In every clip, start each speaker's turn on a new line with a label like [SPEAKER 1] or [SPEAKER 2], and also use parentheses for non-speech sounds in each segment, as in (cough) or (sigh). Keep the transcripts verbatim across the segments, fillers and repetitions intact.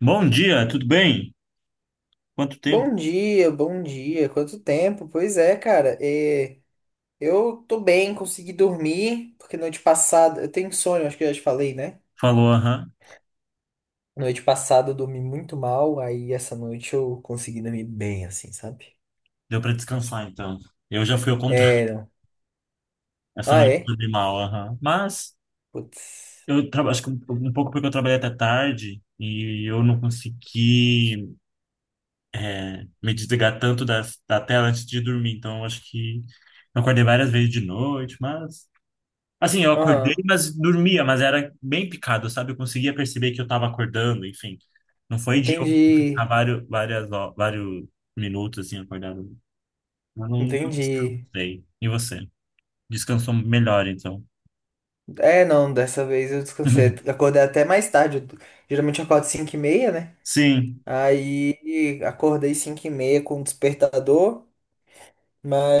[SPEAKER 1] Bom dia, tudo bem? Quanto tempo?
[SPEAKER 2] Bom dia, bom dia. Quanto tempo? Pois é, cara. É, eu tô bem, consegui dormir, porque noite passada. Eu tenho sono, acho que eu já te falei, né?
[SPEAKER 1] Falou, aham.
[SPEAKER 2] Noite passada eu dormi muito mal, aí essa noite eu consegui dormir bem, assim, sabe?
[SPEAKER 1] Deu para descansar, então. Eu já fui ao contrário.
[SPEAKER 2] É, não.
[SPEAKER 1] (laughs) Essa
[SPEAKER 2] Ah,
[SPEAKER 1] noite eu
[SPEAKER 2] é?
[SPEAKER 1] dormi mal, aham. Mas
[SPEAKER 2] Putz.
[SPEAKER 1] eu tra- acho que um um pouco porque eu trabalhei até tarde e eu não consegui me desligar tanto das- da tela antes de dormir. Então, eu acho que eu acordei várias vezes de noite, mas... Assim, eu acordei,
[SPEAKER 2] Aham.
[SPEAKER 1] mas dormia, mas era bem picado, sabe? Eu conseguia perceber que eu estava acordando, enfim. Não foi de eu ficar
[SPEAKER 2] Entendi.
[SPEAKER 1] vários, várias, ho- vários minutos, assim, acordado. Eu não não
[SPEAKER 2] Entendi.
[SPEAKER 1] descansei. E você? Descansou melhor, então.
[SPEAKER 2] É, não, dessa vez eu descansei.
[SPEAKER 1] (laughs)
[SPEAKER 2] Acordei até mais tarde. Eu- geralmente eu acordo cinco e meia, né?
[SPEAKER 1] Sim,
[SPEAKER 2] Aí acordei cinco e meia com o despertador.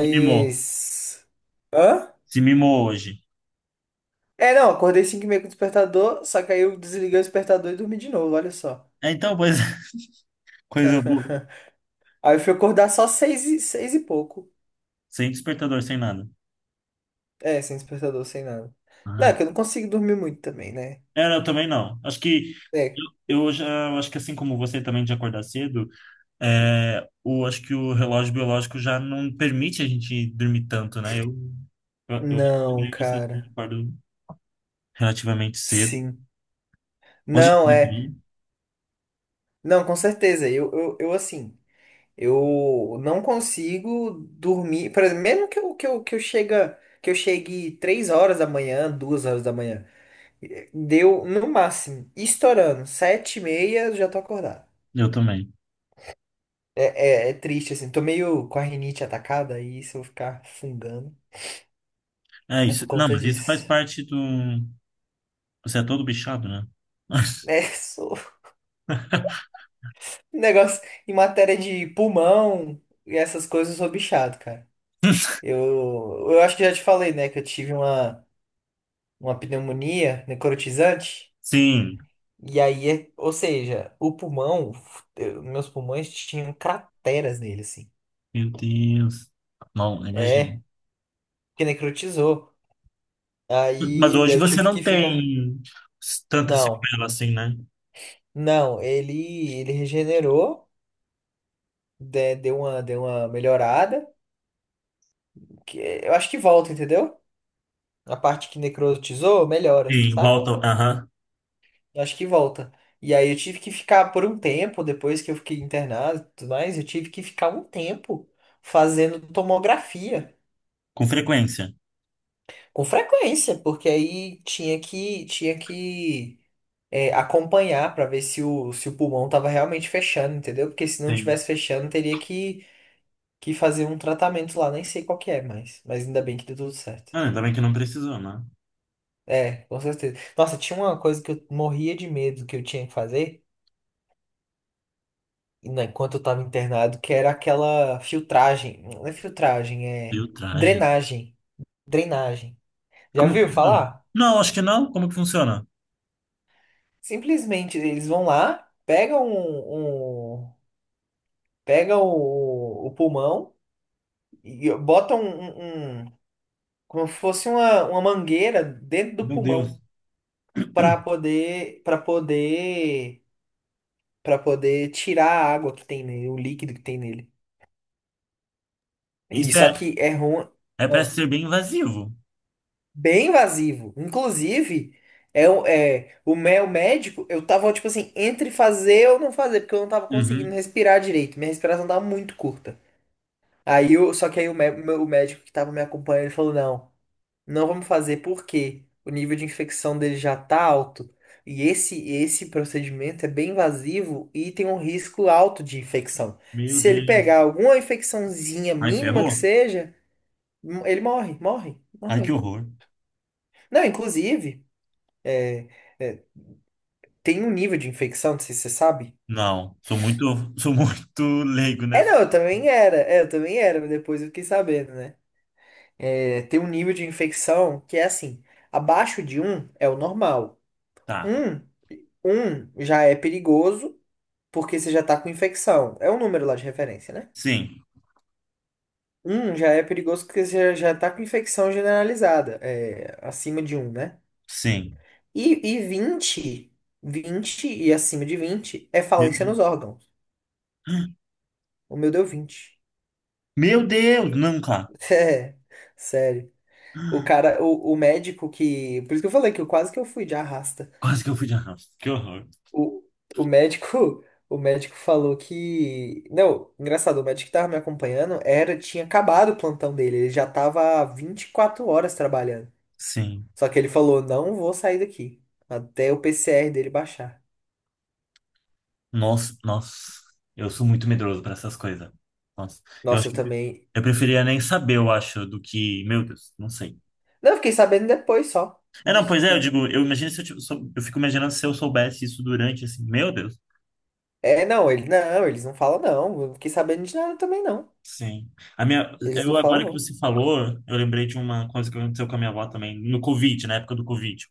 [SPEAKER 1] se mimou.
[SPEAKER 2] Hã?
[SPEAKER 1] Se mimou hoje.
[SPEAKER 2] É, não, acordei cinco e meia com o despertador, só que aí eu desliguei o despertador e dormi de novo, olha só.
[SPEAKER 1] É, então, pois, (laughs) coisa boa.
[SPEAKER 2] (laughs) Aí eu fui acordar só seis e, seis e pouco.
[SPEAKER 1] Sem despertador, sem nada.
[SPEAKER 2] É, sem despertador, sem nada. Não, é
[SPEAKER 1] Ai.
[SPEAKER 2] que eu não consigo dormir muito também, né?
[SPEAKER 1] É, eu também não. Acho que
[SPEAKER 2] É.
[SPEAKER 1] eu eu já, acho que assim como você também de acordar cedo, é, o, acho que o relógio biológico já não permite a gente dormir tanto, né? Eu, eu, eu acho que
[SPEAKER 2] Não,
[SPEAKER 1] também você que
[SPEAKER 2] cara.
[SPEAKER 1] acordo relativamente cedo.
[SPEAKER 2] Sim.
[SPEAKER 1] Hoje
[SPEAKER 2] Não,
[SPEAKER 1] eu
[SPEAKER 2] é.
[SPEAKER 1] também.
[SPEAKER 2] Não, com certeza. Eu, eu, eu assim, eu não consigo dormir. Por exemplo, mesmo que eu, que eu, que eu chega, que eu chegue três horas da manhã, duas horas da manhã. Deu, no máximo, estourando, sete e meia eu já tô acordado.
[SPEAKER 1] Eu também.
[SPEAKER 2] É, é, é triste, assim, tô meio com a rinite atacada e se eu vou ficar fungando
[SPEAKER 1] É
[SPEAKER 2] é
[SPEAKER 1] isso.
[SPEAKER 2] por
[SPEAKER 1] Não,
[SPEAKER 2] conta
[SPEAKER 1] mas isso faz
[SPEAKER 2] disso.
[SPEAKER 1] parte do. Você é todo bichado, né?
[SPEAKER 2] É,
[SPEAKER 1] (laughs)
[SPEAKER 2] (laughs) sou um negócio em matéria de pulmão e essas coisas, eu sou bichado, cara. Eu, eu acho que já te falei, né, que eu tive uma, uma pneumonia necrotizante.
[SPEAKER 1] Sim,
[SPEAKER 2] E aí, é- ou seja, o pulmão, eu- meus pulmões tinham crateras nele, assim.
[SPEAKER 1] meu Deus. Não,
[SPEAKER 2] É,
[SPEAKER 1] imagino.
[SPEAKER 2] porque necrotizou.
[SPEAKER 1] Mas
[SPEAKER 2] Aí
[SPEAKER 1] hoje
[SPEAKER 2] eu
[SPEAKER 1] você
[SPEAKER 2] tive
[SPEAKER 1] não
[SPEAKER 2] que ficar.
[SPEAKER 1] tem tanta
[SPEAKER 2] Não,
[SPEAKER 1] sequela assim, né?
[SPEAKER 2] não, ele, ele regenerou, de- deu uma, deu uma melhorada. Que eu acho que volta, entendeu? A parte que necrotizou, melhora,
[SPEAKER 1] Sim,
[SPEAKER 2] sabe?
[SPEAKER 1] volta, aham,
[SPEAKER 2] Eu acho que volta. E aí eu tive que ficar por um tempo, depois que eu fiquei internado e tudo mais, eu tive que ficar um tempo fazendo tomografia.
[SPEAKER 1] com frequência.
[SPEAKER 2] Com frequência, porque aí tinha que, tinha que é, acompanhar para ver se o, se o pulmão estava realmente fechando, entendeu? Porque se não
[SPEAKER 1] Sim.
[SPEAKER 2] tivesse fechando, teria que, que fazer um tratamento lá, nem sei qual que é, mas, mas ainda bem que deu tudo certo.
[SPEAKER 1] Ah, ainda bem que não precisou, né?
[SPEAKER 2] É, com certeza. Nossa, tinha uma coisa que eu morria de medo que eu tinha que fazer, né, enquanto eu tava internado, que era aquela filtragem. Não é filtragem, é
[SPEAKER 1] Filtragem.
[SPEAKER 2] drenagem. Drenagem. Já
[SPEAKER 1] Como que
[SPEAKER 2] viu
[SPEAKER 1] funciona?
[SPEAKER 2] falar?
[SPEAKER 1] Não, acho que não. Como que funciona?
[SPEAKER 2] Simplesmente eles vão lá, pegam um, um- pegam o, o pulmão e botam um, um- como fosse uma, uma mangueira dentro do
[SPEAKER 1] Meu Deus.
[SPEAKER 2] pulmão para poder para poder para poder tirar a água que tem nele, o líquido que tem nele. E
[SPEAKER 1] Isso é,
[SPEAKER 2] só que é ruim,
[SPEAKER 1] é para
[SPEAKER 2] ó,
[SPEAKER 1] ser bem invasivo.
[SPEAKER 2] bem invasivo. Inclusive, é, o- é o meu médico, eu tava tipo assim, entre fazer ou não fazer, porque eu não tava conseguindo
[SPEAKER 1] Uhum.
[SPEAKER 2] respirar direito. Minha respiração tava muito curta. Aí eu, só que aí o, mé- o meu- o médico que tava me acompanhando, ele falou, não. Não vamos fazer porque o nível de infecção dele já está alto e esse esse procedimento é bem invasivo e tem um risco alto de infecção.
[SPEAKER 1] Meu
[SPEAKER 2] Se ele pegar
[SPEAKER 1] Deus.
[SPEAKER 2] alguma infecçãozinha
[SPEAKER 1] Ai,
[SPEAKER 2] mínima que
[SPEAKER 1] ferrou?
[SPEAKER 2] seja, m- ele morre, morre, morre
[SPEAKER 1] Ai, que
[SPEAKER 2] mesmo.
[SPEAKER 1] horror.
[SPEAKER 2] Não, inclusive, é, é, tem um nível de infecção, não sei se você sabe.
[SPEAKER 1] Não, sou muito, (laughs) sou muito leigo
[SPEAKER 2] É,
[SPEAKER 1] nessa.
[SPEAKER 2] não, eu também era, é, eu também era, mas depois eu fiquei sabendo, né? É, tem um nível de infecção que é assim, abaixo de um é o normal.
[SPEAKER 1] Tá.
[SPEAKER 2] um, um já é perigoso porque você já tá com infecção. É um número lá de referência, né?
[SPEAKER 1] Sim,
[SPEAKER 2] Um já é perigoso porque você já já tá com infecção generalizada, é, acima de um, né?
[SPEAKER 1] sim.
[SPEAKER 2] E, e vinte vinte e acima de vinte é
[SPEAKER 1] Meu
[SPEAKER 2] falência nos
[SPEAKER 1] Deus.
[SPEAKER 2] órgãos. O meu deu vinte.
[SPEAKER 1] Meu Deus, não, cara.
[SPEAKER 2] (laughs) É, sério. O cara, o, o médico que. Por isso que eu falei que eu quase que eu fui de arrasta.
[SPEAKER 1] Quase que eu fui de arrasto. Que horror.
[SPEAKER 2] O, o médico, (laughs) o médico falou que, não, engraçado, o médico que tava me acompanhando era tinha acabado o plantão dele, ele já tava há vinte e quatro horas trabalhando.
[SPEAKER 1] Sim.
[SPEAKER 2] Só que ele falou: "Não vou sair daqui até o P C R dele baixar".
[SPEAKER 1] Nossa, nossa. Eu sou muito medroso para essas coisas. Nossa. Eu acho
[SPEAKER 2] Nossa, eu
[SPEAKER 1] que
[SPEAKER 2] também.
[SPEAKER 1] eu preferia nem saber, eu acho, do que. Meu Deus, não sei.
[SPEAKER 2] Não, eu fiquei sabendo depois só
[SPEAKER 1] É, não, pois
[SPEAKER 2] disso
[SPEAKER 1] é, eu
[SPEAKER 2] tudo.
[SPEAKER 1] digo, eu imagino se eu, tive- sou- eu fico imaginando se eu soubesse isso durante, assim, meu Deus.
[SPEAKER 2] É, não, ele não, eles não falam não. Eu fiquei sabendo de nada também não.
[SPEAKER 1] Sim. A minha,
[SPEAKER 2] Eles não
[SPEAKER 1] eu,
[SPEAKER 2] falam
[SPEAKER 1] agora que
[SPEAKER 2] não.
[SPEAKER 1] você falou, eu lembrei de uma coisa que aconteceu com a minha avó também, no Covid, na época do Covid.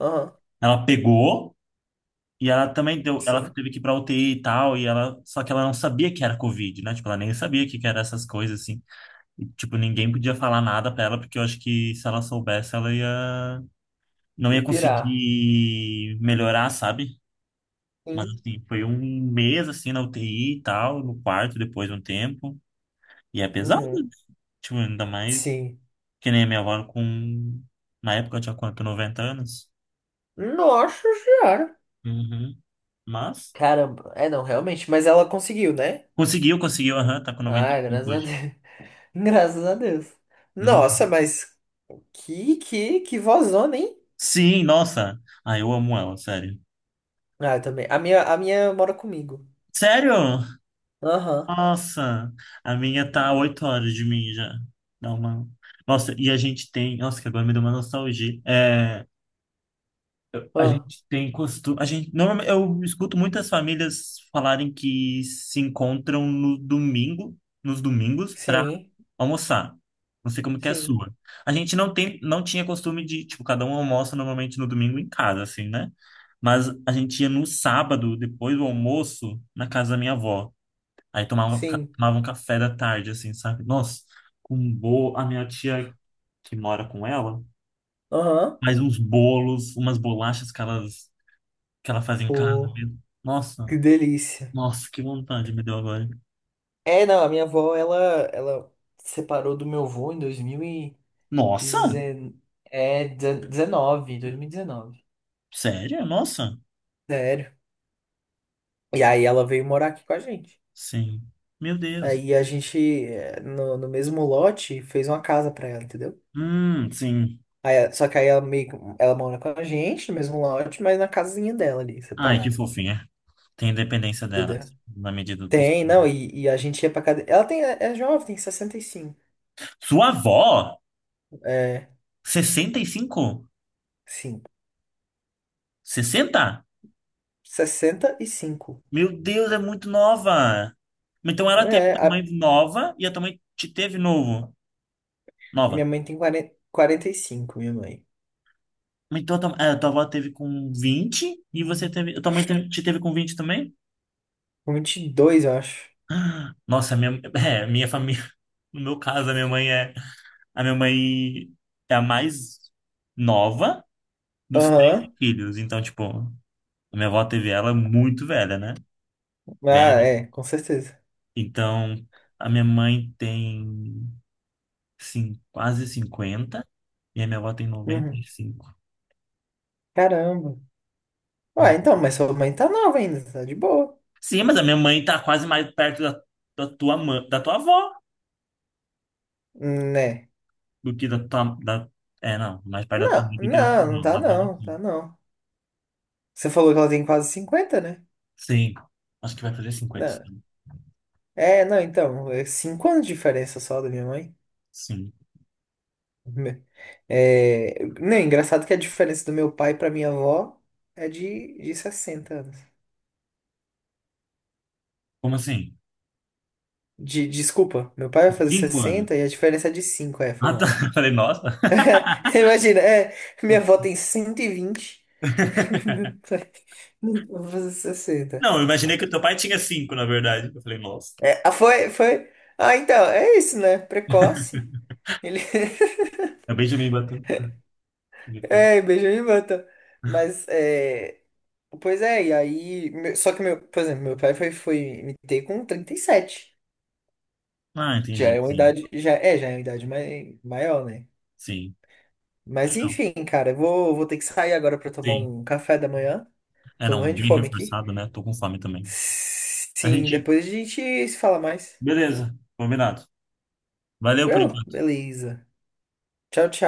[SPEAKER 2] Aham.
[SPEAKER 1] Ela pegou. E ela também deu, ela
[SPEAKER 2] Sim.
[SPEAKER 1] teve que ir pra U T I e tal, e ela, só que ela não sabia que era Covid, né? Tipo, ela nem sabia que que era essas coisas, assim. E, tipo, ninguém podia falar nada pra ela, porque eu acho que se ela soubesse, ela ia, não
[SPEAKER 2] De
[SPEAKER 1] ia
[SPEAKER 2] pirar.
[SPEAKER 1] conseguir melhorar, sabe? Mas,
[SPEAKER 2] Sim.
[SPEAKER 1] assim, foi um mês, assim, na U T I e tal, no quarto, depois de um tempo. E é pesado,
[SPEAKER 2] Uhum.
[SPEAKER 1] né? Tipo, ainda mais
[SPEAKER 2] Sim.
[SPEAKER 1] que nem a minha avó com, na época eu tinha quanto, noventa anos?
[SPEAKER 2] Nossa senhora.
[SPEAKER 1] Uhum. Mas,
[SPEAKER 2] Caramba. É, não, realmente. Mas ela conseguiu, né?
[SPEAKER 1] conseguiu, conseguiu, aham, tá com noventa e
[SPEAKER 2] Ah,
[SPEAKER 1] cinco
[SPEAKER 2] graças a Deus.
[SPEAKER 1] hoje.
[SPEAKER 2] (laughs) Graças a Deus.
[SPEAKER 1] Hum.
[SPEAKER 2] Nossa, mas que, que, que vozona, hein?
[SPEAKER 1] Sim, nossa. Ah, eu amo ela, sério.
[SPEAKER 2] Ah, eu também. A minha, a minha mora comigo.
[SPEAKER 1] Sério?
[SPEAKER 2] Aham.
[SPEAKER 1] Nossa, a minha tá a oito horas de mim já. Dá uma... Nossa, e a gente tem. Nossa, que agora me deu uma nostalgia. É, a
[SPEAKER 2] Ah,
[SPEAKER 1] gente tem costume. A gente, normalmente, eu escuto muitas famílias falarem que se encontram no domingo, nos domingos,
[SPEAKER 2] sim.
[SPEAKER 1] almoçar. Não sei como que é a
[SPEAKER 2] Sim.
[SPEAKER 1] sua. A gente não tem, não tinha costume de, tipo, cada um almoça normalmente no domingo em casa, assim, né? Mas a gente ia no sábado, depois do almoço, na casa da minha avó. Aí tomava, ca-
[SPEAKER 2] Sim.
[SPEAKER 1] tomava um café da tarde, assim, sabe? Nossa, com um bolo. A minha tia que mora com ela
[SPEAKER 2] Aham.
[SPEAKER 1] faz uns bolos, umas bolachas que, elas, que ela faz em casa
[SPEAKER 2] Pô,
[SPEAKER 1] mesmo. Nossa,
[SPEAKER 2] que delícia.
[SPEAKER 1] nossa, que vontade me deu agora.
[SPEAKER 2] É, não, a minha avó, ela, ela separou do meu avô em
[SPEAKER 1] Nossa,
[SPEAKER 2] dois mil e dezenove. É, dezenove, dois mil e dezenove.
[SPEAKER 1] sério? Nossa,
[SPEAKER 2] Sério. E aí ela veio morar aqui com a gente.
[SPEAKER 1] sim. Meu Deus.
[SPEAKER 2] Aí a gente, eh, no, no mesmo lote, fez uma casa pra ela, entendeu?
[SPEAKER 1] Hum, sim.
[SPEAKER 2] Aí, eh, só que aí ela meio que- ela mora com a gente no mesmo lote, mas na casinha dela ali,
[SPEAKER 1] Ai, que
[SPEAKER 2] separada,
[SPEAKER 1] fofinha. Tem independência dela,
[SPEAKER 2] entendeu?
[SPEAKER 1] assim, na medida do
[SPEAKER 2] Tem,
[SPEAKER 1] possível.
[SPEAKER 2] não, e, e a gente ia pra casa. Ela tem, é é jovem, tem sessenta e cinco.
[SPEAKER 1] Sua avó?
[SPEAKER 2] É,
[SPEAKER 1] Sessenta e cinco,
[SPEAKER 2] sim,
[SPEAKER 1] sessenta.
[SPEAKER 2] sessenta e cinco.
[SPEAKER 1] Meu Deus, é muito nova. Então ela teve
[SPEAKER 2] É,
[SPEAKER 1] tua mãe
[SPEAKER 2] a-
[SPEAKER 1] nova e a tua mãe te teve novo.
[SPEAKER 2] minha
[SPEAKER 1] Nova.
[SPEAKER 2] mãe tem quarenta quarenta e cinco, minha mãe.
[SPEAKER 1] Então a tua, é, a tua avó teve com vinte e você teve. A tua mãe te te teve com vinte também? (gasps)
[SPEAKER 2] vinte e dois, eu acho.
[SPEAKER 1] Ah, nossa, minha, é, minha família. (laughs) No meu caso, a minha mãe é. A minha mãe é a mais nova dos três
[SPEAKER 2] Aham,
[SPEAKER 1] filhos. Então, tipo, a minha avó teve ela muito velha, né? Velho.
[SPEAKER 2] ah, é, com certeza.
[SPEAKER 1] Então, a minha mãe tem sim, quase cinquenta e a minha avó tem
[SPEAKER 2] Uhum.
[SPEAKER 1] noventa e cinco.
[SPEAKER 2] Caramba. Ah,
[SPEAKER 1] Hum.
[SPEAKER 2] então, mas sua mãe tá nova ainda, tá de boa,
[SPEAKER 1] Sim, mas a minha mãe tá quase mais perto da, da tua mãe, da tua avó
[SPEAKER 2] né?
[SPEAKER 1] do que da tua, da, é, não, mais perto da tua
[SPEAKER 2] Não,
[SPEAKER 1] mãe do que da tua
[SPEAKER 2] não, não
[SPEAKER 1] avó,
[SPEAKER 2] tá
[SPEAKER 1] lá do meu
[SPEAKER 2] não, tá
[SPEAKER 1] vizinho.
[SPEAKER 2] não. Você falou que ela tem quase cinquenta, né?
[SPEAKER 1] Sim, acho que vai fazer cinquenta
[SPEAKER 2] Não.
[SPEAKER 1] sim.
[SPEAKER 2] É, não, então, é cinco anos de diferença só da minha mãe.
[SPEAKER 1] Sim.
[SPEAKER 2] (laughs) Me- É, não, é engraçado que a diferença do meu pai pra minha avó é de, de sessenta anos.
[SPEAKER 1] Como assim?
[SPEAKER 2] De, desculpa, meu pai vai fazer
[SPEAKER 1] Cinco anos.
[SPEAKER 2] sessenta e a diferença é de cinco, é, foi
[SPEAKER 1] Ah, tá. (laughs)
[SPEAKER 2] mal.
[SPEAKER 1] Eu falei, nossa.
[SPEAKER 2] (laughs) Imagina, é, minha avó tem cento e vinte, (laughs) meu
[SPEAKER 1] (laughs)
[SPEAKER 2] pai vai (laughs) fazer sessenta.
[SPEAKER 1] Não, eu imaginei que o teu pai tinha cinco, na verdade. Eu falei, nossa.
[SPEAKER 2] É, ah, foi, foi. Ah, então, é isso, né? Precoce. Ele. (laughs)
[SPEAKER 1] Acabei de me bater. Ele foi,
[SPEAKER 2] É, Benjamin Button. Mas, é... pois é, e aí, meu- só que, meu, por exemplo, meu pai foi, foi me ter com trinta e sete.
[SPEAKER 1] ah,
[SPEAKER 2] Já
[SPEAKER 1] entendi,
[SPEAKER 2] é uma
[SPEAKER 1] sim.
[SPEAKER 2] idade. Já, é, já é uma idade mai, maior, né?
[SPEAKER 1] Sim.
[SPEAKER 2] Mas, enfim, cara, eu vou, vou ter que sair agora pra tomar
[SPEAKER 1] Sim.
[SPEAKER 2] um café da manhã.
[SPEAKER 1] É,
[SPEAKER 2] Tô
[SPEAKER 1] não,
[SPEAKER 2] morrendo de
[SPEAKER 1] bem
[SPEAKER 2] fome aqui.
[SPEAKER 1] reforçado, né? Tô com fome também. A
[SPEAKER 2] Sim,
[SPEAKER 1] gente.
[SPEAKER 2] depois a gente se fala mais.
[SPEAKER 1] Beleza, combinado. Valeu por
[SPEAKER 2] Tranquilo?
[SPEAKER 1] enquanto.
[SPEAKER 2] Beleza. Tchau, tchau.